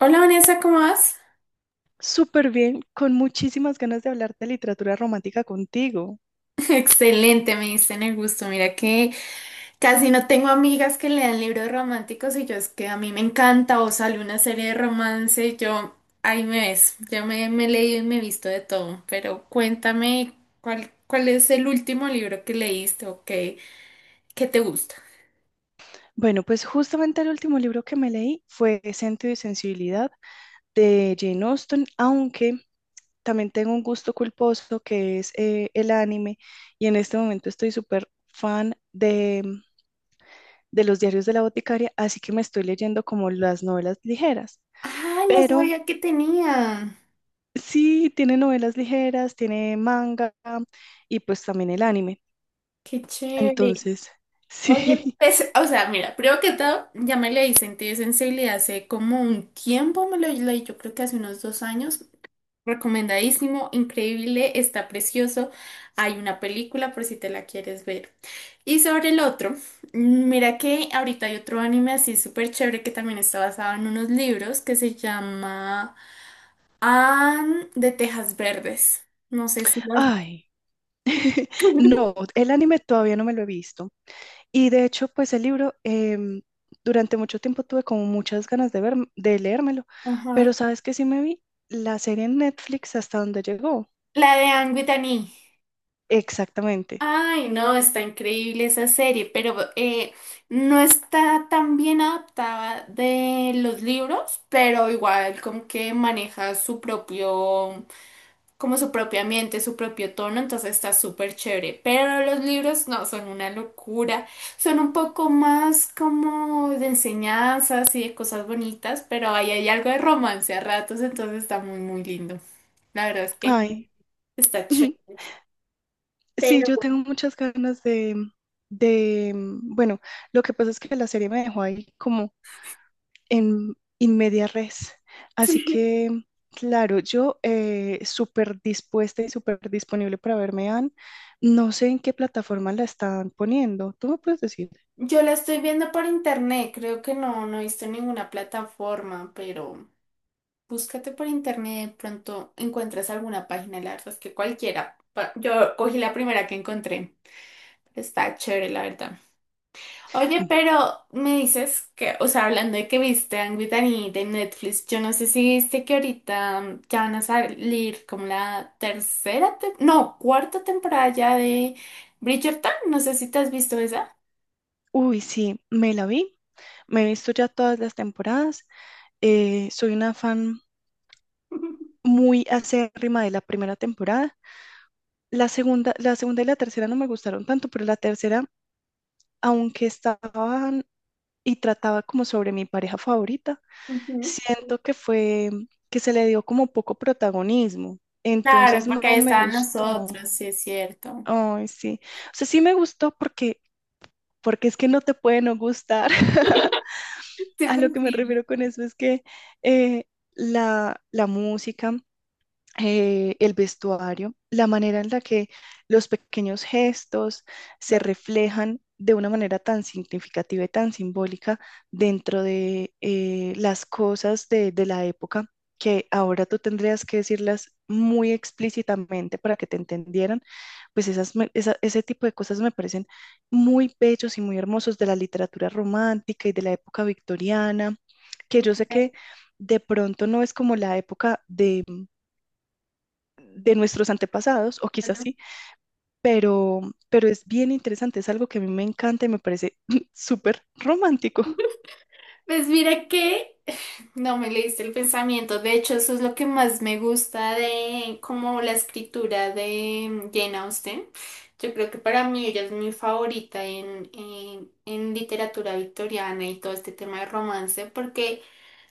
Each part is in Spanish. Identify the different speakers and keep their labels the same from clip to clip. Speaker 1: Hola Vanessa, ¿cómo vas?
Speaker 2: Súper bien, con muchísimas ganas de hablar de literatura romántica contigo.
Speaker 1: Excelente, me diste en el gusto. Mira que casi no tengo amigas que lean libros románticos y yo es que a mí me encanta o sale una serie de romance y yo ahí me ves. Yo me he leído y me he visto de todo, pero cuéntame cuál es el último libro que leíste o qué te gusta.
Speaker 2: Bueno, pues justamente el último libro que me leí fue Sentido y Sensibilidad de Jane Austen, aunque también tengo un gusto culposo que es el anime, y en este momento estoy súper fan de los diarios de la boticaria, así que me estoy leyendo como las novelas ligeras.
Speaker 1: Ah, no
Speaker 2: Pero
Speaker 1: sabía que tenía.
Speaker 2: sí, tiene novelas ligeras, tiene manga y pues también el anime.
Speaker 1: Qué chévere.
Speaker 2: Entonces,
Speaker 1: Oye,
Speaker 2: sí.
Speaker 1: pues, o sea, mira, primero que todo, ya me leí Sentido y Sensibilidad hace como un tiempo, me lo leí, yo creo que hace unos dos años. Recomendadísimo, increíble, está precioso. Hay una película por si te la quieres ver. Y sobre el otro, mira que ahorita hay otro anime así súper chévere que también está basado en unos libros que se llama Anne de Tejas Verdes. No sé si las...
Speaker 2: Ay. No, el anime todavía no me lo he visto. Y de hecho, pues el libro, durante mucho tiempo tuve como muchas ganas de ver, de leérmelo, pero
Speaker 1: Ajá.
Speaker 2: sabes que sí me vi la serie en Netflix hasta donde llegó.
Speaker 1: La de Anne with an E.
Speaker 2: Exactamente.
Speaker 1: Ay, no, está increíble esa serie, pero no está tan bien adaptada de los libros, pero igual como que maneja su propio, como su propio ambiente, su propio tono, entonces está súper chévere. Pero los libros no, son una locura, son un poco más como de enseñanzas y de cosas bonitas, pero ahí hay algo de romance a ratos, entonces está muy, muy lindo. La verdad es que
Speaker 2: Ay,
Speaker 1: está chévere.
Speaker 2: sí, yo tengo muchas ganas de, bueno, lo que pasa es que la serie me dejó ahí como en media res. Así que, claro, yo súper dispuesta y súper disponible para verme, Anne. No sé en qué plataforma la están poniendo. ¿Tú me puedes decir?
Speaker 1: Yo la estoy viendo por internet, creo que no he visto en ninguna plataforma, pero búscate por internet, de pronto encuentras alguna página, la verdad es que cualquiera. Yo cogí la primera que encontré. Está chévere, la verdad. Oye,
Speaker 2: Mm,
Speaker 1: pero me dices que, o sea, hablando de que viste Angry Birds de Netflix, yo no sé si viste que ahorita ya van a salir como la tercera, no, cuarta temporada ya de Bridgerton, no sé si te has visto esa.
Speaker 2: uy, sí, me la vi. Me he visto ya todas las temporadas. Soy una fan muy acérrima de la primera temporada. La segunda y la tercera no me gustaron tanto, pero la tercera, aunque estaban y trataba como sobre mi pareja favorita,
Speaker 1: Ujú.
Speaker 2: siento que fue que se le dio como poco protagonismo.
Speaker 1: Claro,
Speaker 2: Entonces no
Speaker 1: porque ahí
Speaker 2: me
Speaker 1: estaban
Speaker 2: gustó.
Speaker 1: nosotros, sí es cierto.
Speaker 2: Ay, sí. O sea, sí me gustó porque es que no te puede no gustar.
Speaker 1: Sí,
Speaker 2: A
Speaker 1: pues
Speaker 2: lo que me
Speaker 1: sí,
Speaker 2: refiero con eso es que eh, la música, el vestuario, la manera en la que los pequeños gestos se
Speaker 1: listo,
Speaker 2: reflejan de una manera tan significativa y tan simbólica dentro de las cosas de la época, que ahora tú tendrías que decirlas muy explícitamente para que te entendieran. Pues ese tipo de cosas me parecen muy bellos y muy hermosos de la literatura romántica y de la época victoriana, que yo sé
Speaker 1: de
Speaker 2: que de pronto no es como la época de nuestros antepasados, o quizás
Speaker 1: acuerdo.
Speaker 2: sí, pero, pero es bien interesante, es algo que a mí me encanta y me parece súper romántico.
Speaker 1: Pues mira que no me leíste el pensamiento. De hecho, eso es lo que más me gusta de como la escritura de Jane Austen. Yo creo que para mí ella es mi favorita en literatura victoriana y todo este tema de romance, porque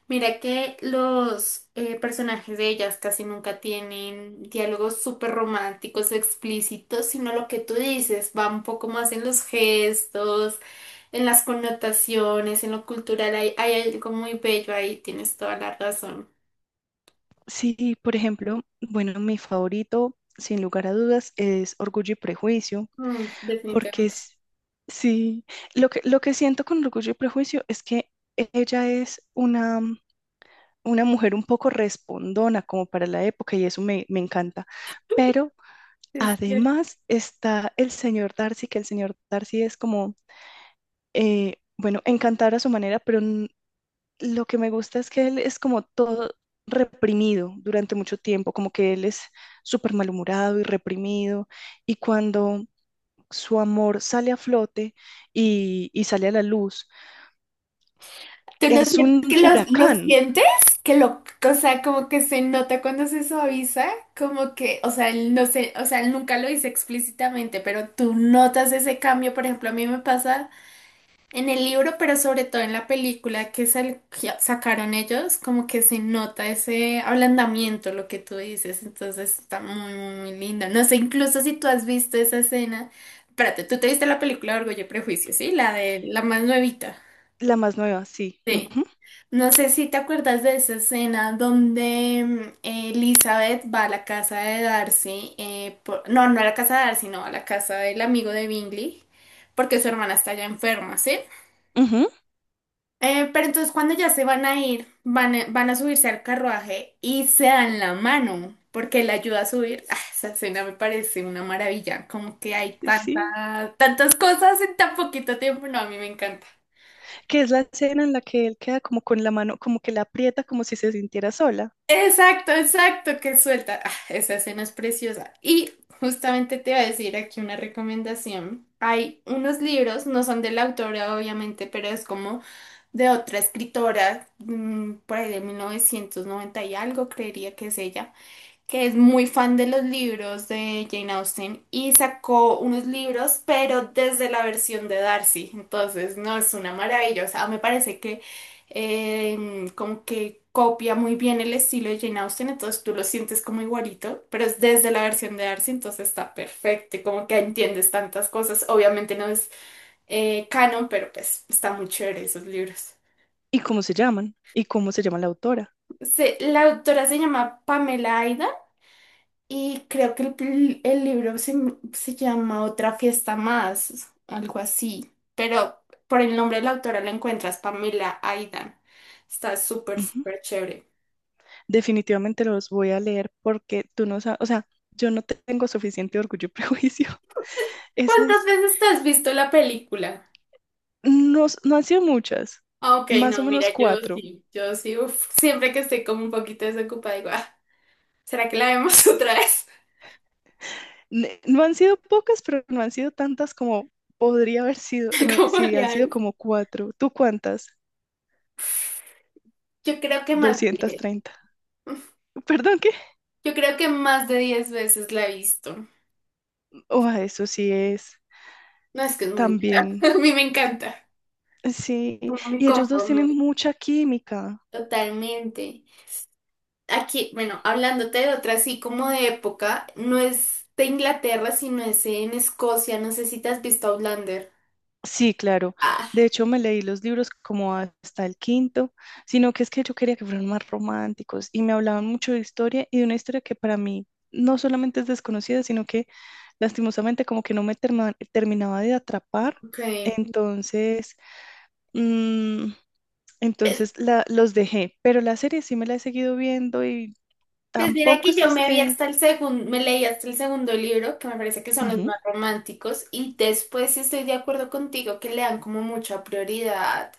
Speaker 1: mira que los personajes de ellas casi nunca tienen diálogos súper románticos, explícitos, sino lo que tú dices, va un poco más en los gestos en las connotaciones, en lo cultural, hay algo muy bello ahí, tienes toda la razón.
Speaker 2: Sí, por ejemplo, bueno, mi favorito, sin lugar a dudas, es Orgullo y Prejuicio,
Speaker 1: Mm,
Speaker 2: porque
Speaker 1: definitivamente
Speaker 2: es, sí, lo que siento con Orgullo y Prejuicio es que ella es una mujer un poco respondona como para la época, y eso me encanta, pero...
Speaker 1: es cierto.
Speaker 2: Además está el señor Darcy, que el señor Darcy es como bueno, encantar a su manera, lo que me gusta es que él es como todo reprimido durante mucho tiempo, como que él es súper malhumorado y reprimido, y cuando su amor sale a flote y sale a la luz,
Speaker 1: ¿Tú no
Speaker 2: es
Speaker 1: sientes
Speaker 2: un
Speaker 1: que lo,
Speaker 2: huracán.
Speaker 1: sientes? Que lo, o sea, como que se nota cuando se suaviza, como que, o sea, él no sé, o sea, él nunca lo dice explícitamente, pero tú notas ese cambio, por ejemplo, a mí me pasa. En el libro, pero sobre todo en la película que, que sacaron ellos, como que se nota ese ablandamiento, lo que tú dices, entonces está muy, muy, muy linda. No sé, incluso si tú has visto esa escena, espérate, tú te viste la película de Orgullo y Prejuicio, ¿sí? La de la más nuevita.
Speaker 2: La más nueva, sí.
Speaker 1: Sí.
Speaker 2: Ujú,
Speaker 1: No sé si te acuerdas de esa escena donde Elizabeth va a la casa de Darcy, no, no a la casa de Darcy, no, a la casa del amigo de Bingley, porque su hermana está ya enferma, ¿sí?
Speaker 2: ujú.
Speaker 1: Pero entonces cuando ya se van a ir, van a subirse al carruaje y se dan la mano, porque él ayuda a subir. Ah, esa escena me parece una maravilla, como que hay tanta,
Speaker 2: Sí,
Speaker 1: tantas cosas en tan poquito tiempo. No, a mí me encanta.
Speaker 2: que es la escena en la que él queda como con la mano, como que la aprieta como si se sintiera sola.
Speaker 1: Exacto, exacto, que suelta. Ah, esa escena es preciosa. Y justamente te voy a decir aquí una recomendación. Hay unos libros, no son de la autora obviamente, pero es como de otra escritora, por ahí de 1990 y algo, creería que es ella que es muy fan de los libros de Jane Austen y sacó unos libros, pero desde la versión de Darcy. Entonces, no, es una maravilla. O sea, me parece que eh, como que copia muy bien el estilo de Jane Austen, entonces tú lo sientes como igualito, pero es desde la versión de Darcy, entonces está perfecto y como que entiendes tantas cosas. Obviamente no es canon, pero pues está muy chévere esos libros.
Speaker 2: ¿Y cómo se llaman? ¿Y cómo se llama la autora?
Speaker 1: La autora se llama Pamela Aida. Y creo que el libro se llama Otra fiesta más, algo así. Pero por el nombre de la autora la encuentras, Pamela Aidan. Está súper,
Speaker 2: Ujú.
Speaker 1: súper chévere.
Speaker 2: Definitivamente los voy a leer porque tú no sabes, o sea, yo no tengo suficiente orgullo y prejuicio. Esa
Speaker 1: ¿Cuántas
Speaker 2: es,
Speaker 1: veces te has visto la película?
Speaker 2: no, no han sido muchas,
Speaker 1: Ah, ok,
Speaker 2: más o
Speaker 1: no,
Speaker 2: menos
Speaker 1: mira, yo
Speaker 2: cuatro.
Speaker 1: sí, yo sí, uf, siempre que estoy como un poquito desocupada, digo, "Ah, ¿será que la vemos otra vez?
Speaker 2: No han sido pocas, pero no han sido tantas como podría haber sido,
Speaker 1: Como
Speaker 2: sí, han sido
Speaker 1: Mariana.
Speaker 2: como cuatro. ¿Tú cuántas?
Speaker 1: Yo creo que más de
Speaker 2: doscientos
Speaker 1: 10.
Speaker 2: treinta. Perdón.
Speaker 1: Yo creo que más de 10 veces la he visto.
Speaker 2: Oh, eso sí es
Speaker 1: No, es que es muy buena.
Speaker 2: también.
Speaker 1: A mí me encanta.
Speaker 2: Sí,
Speaker 1: Como mi
Speaker 2: y ellos dos
Speaker 1: confort.
Speaker 2: tienen mucha química.
Speaker 1: Totalmente. Aquí, bueno, hablándote de otra así como de época, no es de Inglaterra, sino es en Escocia. No sé si te has visto Outlander.
Speaker 2: Sí, claro. De
Speaker 1: Ah,
Speaker 2: hecho, me leí los libros como hasta el quinto, sino que es que yo quería que fueran más románticos y me hablaban mucho de historia y de una historia que para mí no solamente es desconocida, sino que lastimosamente como que no me terminaba de atrapar.
Speaker 1: ok.
Speaker 2: Entonces, mm, entonces los dejé, pero la serie sí me la he seguido viendo y
Speaker 1: Pues mira
Speaker 2: tampoco
Speaker 1: que
Speaker 2: es que
Speaker 1: yo me vi
Speaker 2: esté...
Speaker 1: hasta el segundo, me leí hasta el segundo libro, que me parece que son los más románticos, y después sí estoy de acuerdo contigo que le dan como mucha prioridad,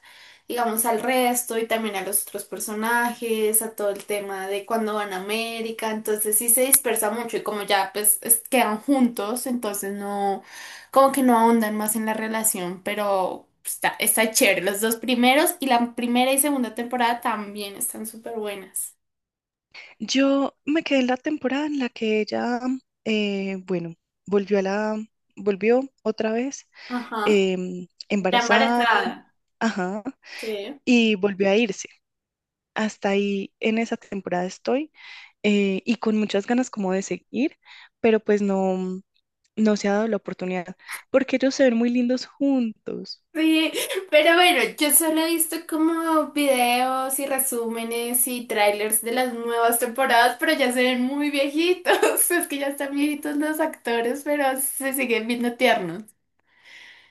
Speaker 1: digamos, al resto y también a los otros personajes, a todo el tema de cuando van a América, entonces sí se dispersa mucho y como ya pues quedan juntos, entonces no, como que no ahondan más en la relación, pero está, está chévere, los dos primeros y la primera y segunda temporada también están súper buenas.
Speaker 2: Yo me quedé en la temporada en la que ella, bueno, volvió a la, volvió otra vez
Speaker 1: Ajá. Está
Speaker 2: embarazada,
Speaker 1: embarazada.
Speaker 2: ajá,
Speaker 1: Sí.
Speaker 2: y volvió a irse. Hasta ahí en esa temporada estoy, y con muchas ganas como de seguir, pero pues no, no se ha dado la oportunidad porque ellos se ven muy lindos juntos.
Speaker 1: Sí, pero bueno, yo solo he visto como videos y resúmenes y trailers de las nuevas temporadas, pero ya se ven muy viejitos. Es que ya están viejitos los actores, pero se siguen viendo tiernos.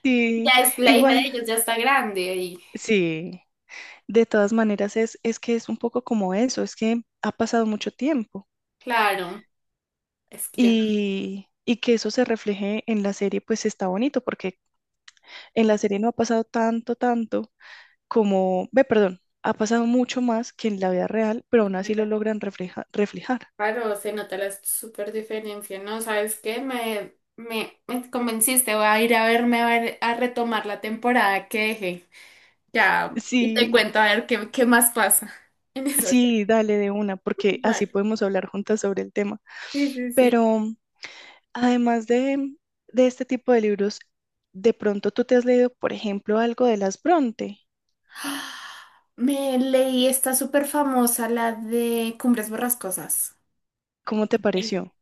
Speaker 2: Sí,
Speaker 1: Ya es la hija de
Speaker 2: igual,
Speaker 1: ellos, ya está grande. Y
Speaker 2: sí. De todas maneras es, que es un poco como eso, es que ha pasado mucho tiempo.
Speaker 1: claro, es que yo, no,
Speaker 2: Y que eso se refleje en la serie, pues está bonito, porque en la serie no ha pasado tanto, tanto como, ve, perdón, ha pasado mucho más que en la vida real, pero aún así lo logran reflejar.
Speaker 1: claro, se nota la super diferencia, ¿no? ¿Sabes qué? Me convenciste, voy a ir a verme a ver, a retomar la temporada que dejé. Ya, y te
Speaker 2: Sí,
Speaker 1: cuento a ver qué más pasa en esas.
Speaker 2: sí, dale de una, porque así
Speaker 1: Vale.
Speaker 2: podemos hablar juntas sobre el tema.
Speaker 1: Sí, sí, sí.
Speaker 2: Pero además de este tipo de libros, de pronto tú te has leído, por ejemplo, algo de las Bronte.
Speaker 1: Me leí esta súper famosa, la de Cumbres Borrascosas.
Speaker 2: ¿Cómo te
Speaker 1: Me-
Speaker 2: pareció?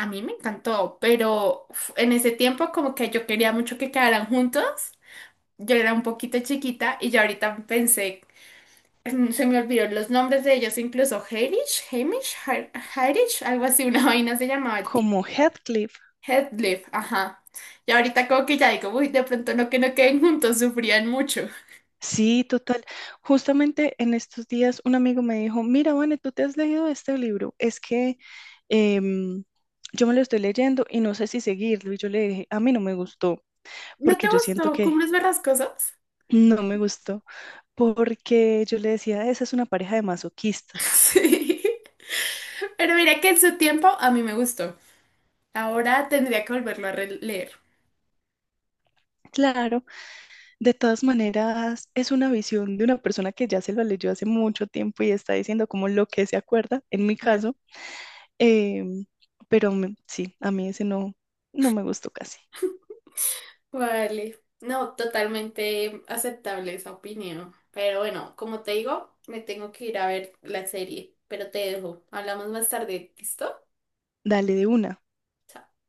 Speaker 1: A mí me encantó, pero uf, en ese tiempo como que yo quería mucho que quedaran juntos. Yo era un poquito chiquita y ya ahorita pensé, mm, se me olvidaron los nombres de ellos, incluso Harish, algo así, una vaina se llamaba el
Speaker 2: Como
Speaker 1: tipo.
Speaker 2: Heathcliff.
Speaker 1: Headlift, ajá. Y ahorita como que ya digo, uy, de pronto no que no queden juntos, sufrían mucho.
Speaker 2: Sí, total. Justamente en estos días un amigo me dijo, mira, Vane, ¿tú te has leído este libro? Es que em, yo me lo estoy leyendo y no sé si seguirlo. Y yo le dije, a mí no me gustó,
Speaker 1: ¿No te
Speaker 2: porque yo siento
Speaker 1: gustó
Speaker 2: que
Speaker 1: Cumbres Borrascosas?
Speaker 2: no me gustó, porque yo le decía, esa es una pareja de masoquistas.
Speaker 1: Sí. Pero mira que en su tiempo a mí me gustó. Ahora tendría que volverlo a releer.
Speaker 2: Claro, de todas maneras, es una visión de una persona que ya se lo leyó hace mucho tiempo y está diciendo como lo que se acuerda, en mi
Speaker 1: Claro.
Speaker 2: caso. em, pero sí, a mí ese no, no me gustó casi.
Speaker 1: Vale. No, totalmente aceptable esa opinión. Pero bueno, como te digo, me tengo que ir a ver la serie. Pero te dejo. Hablamos más tarde. ¿Listo?
Speaker 2: Dale de una.
Speaker 1: Chao.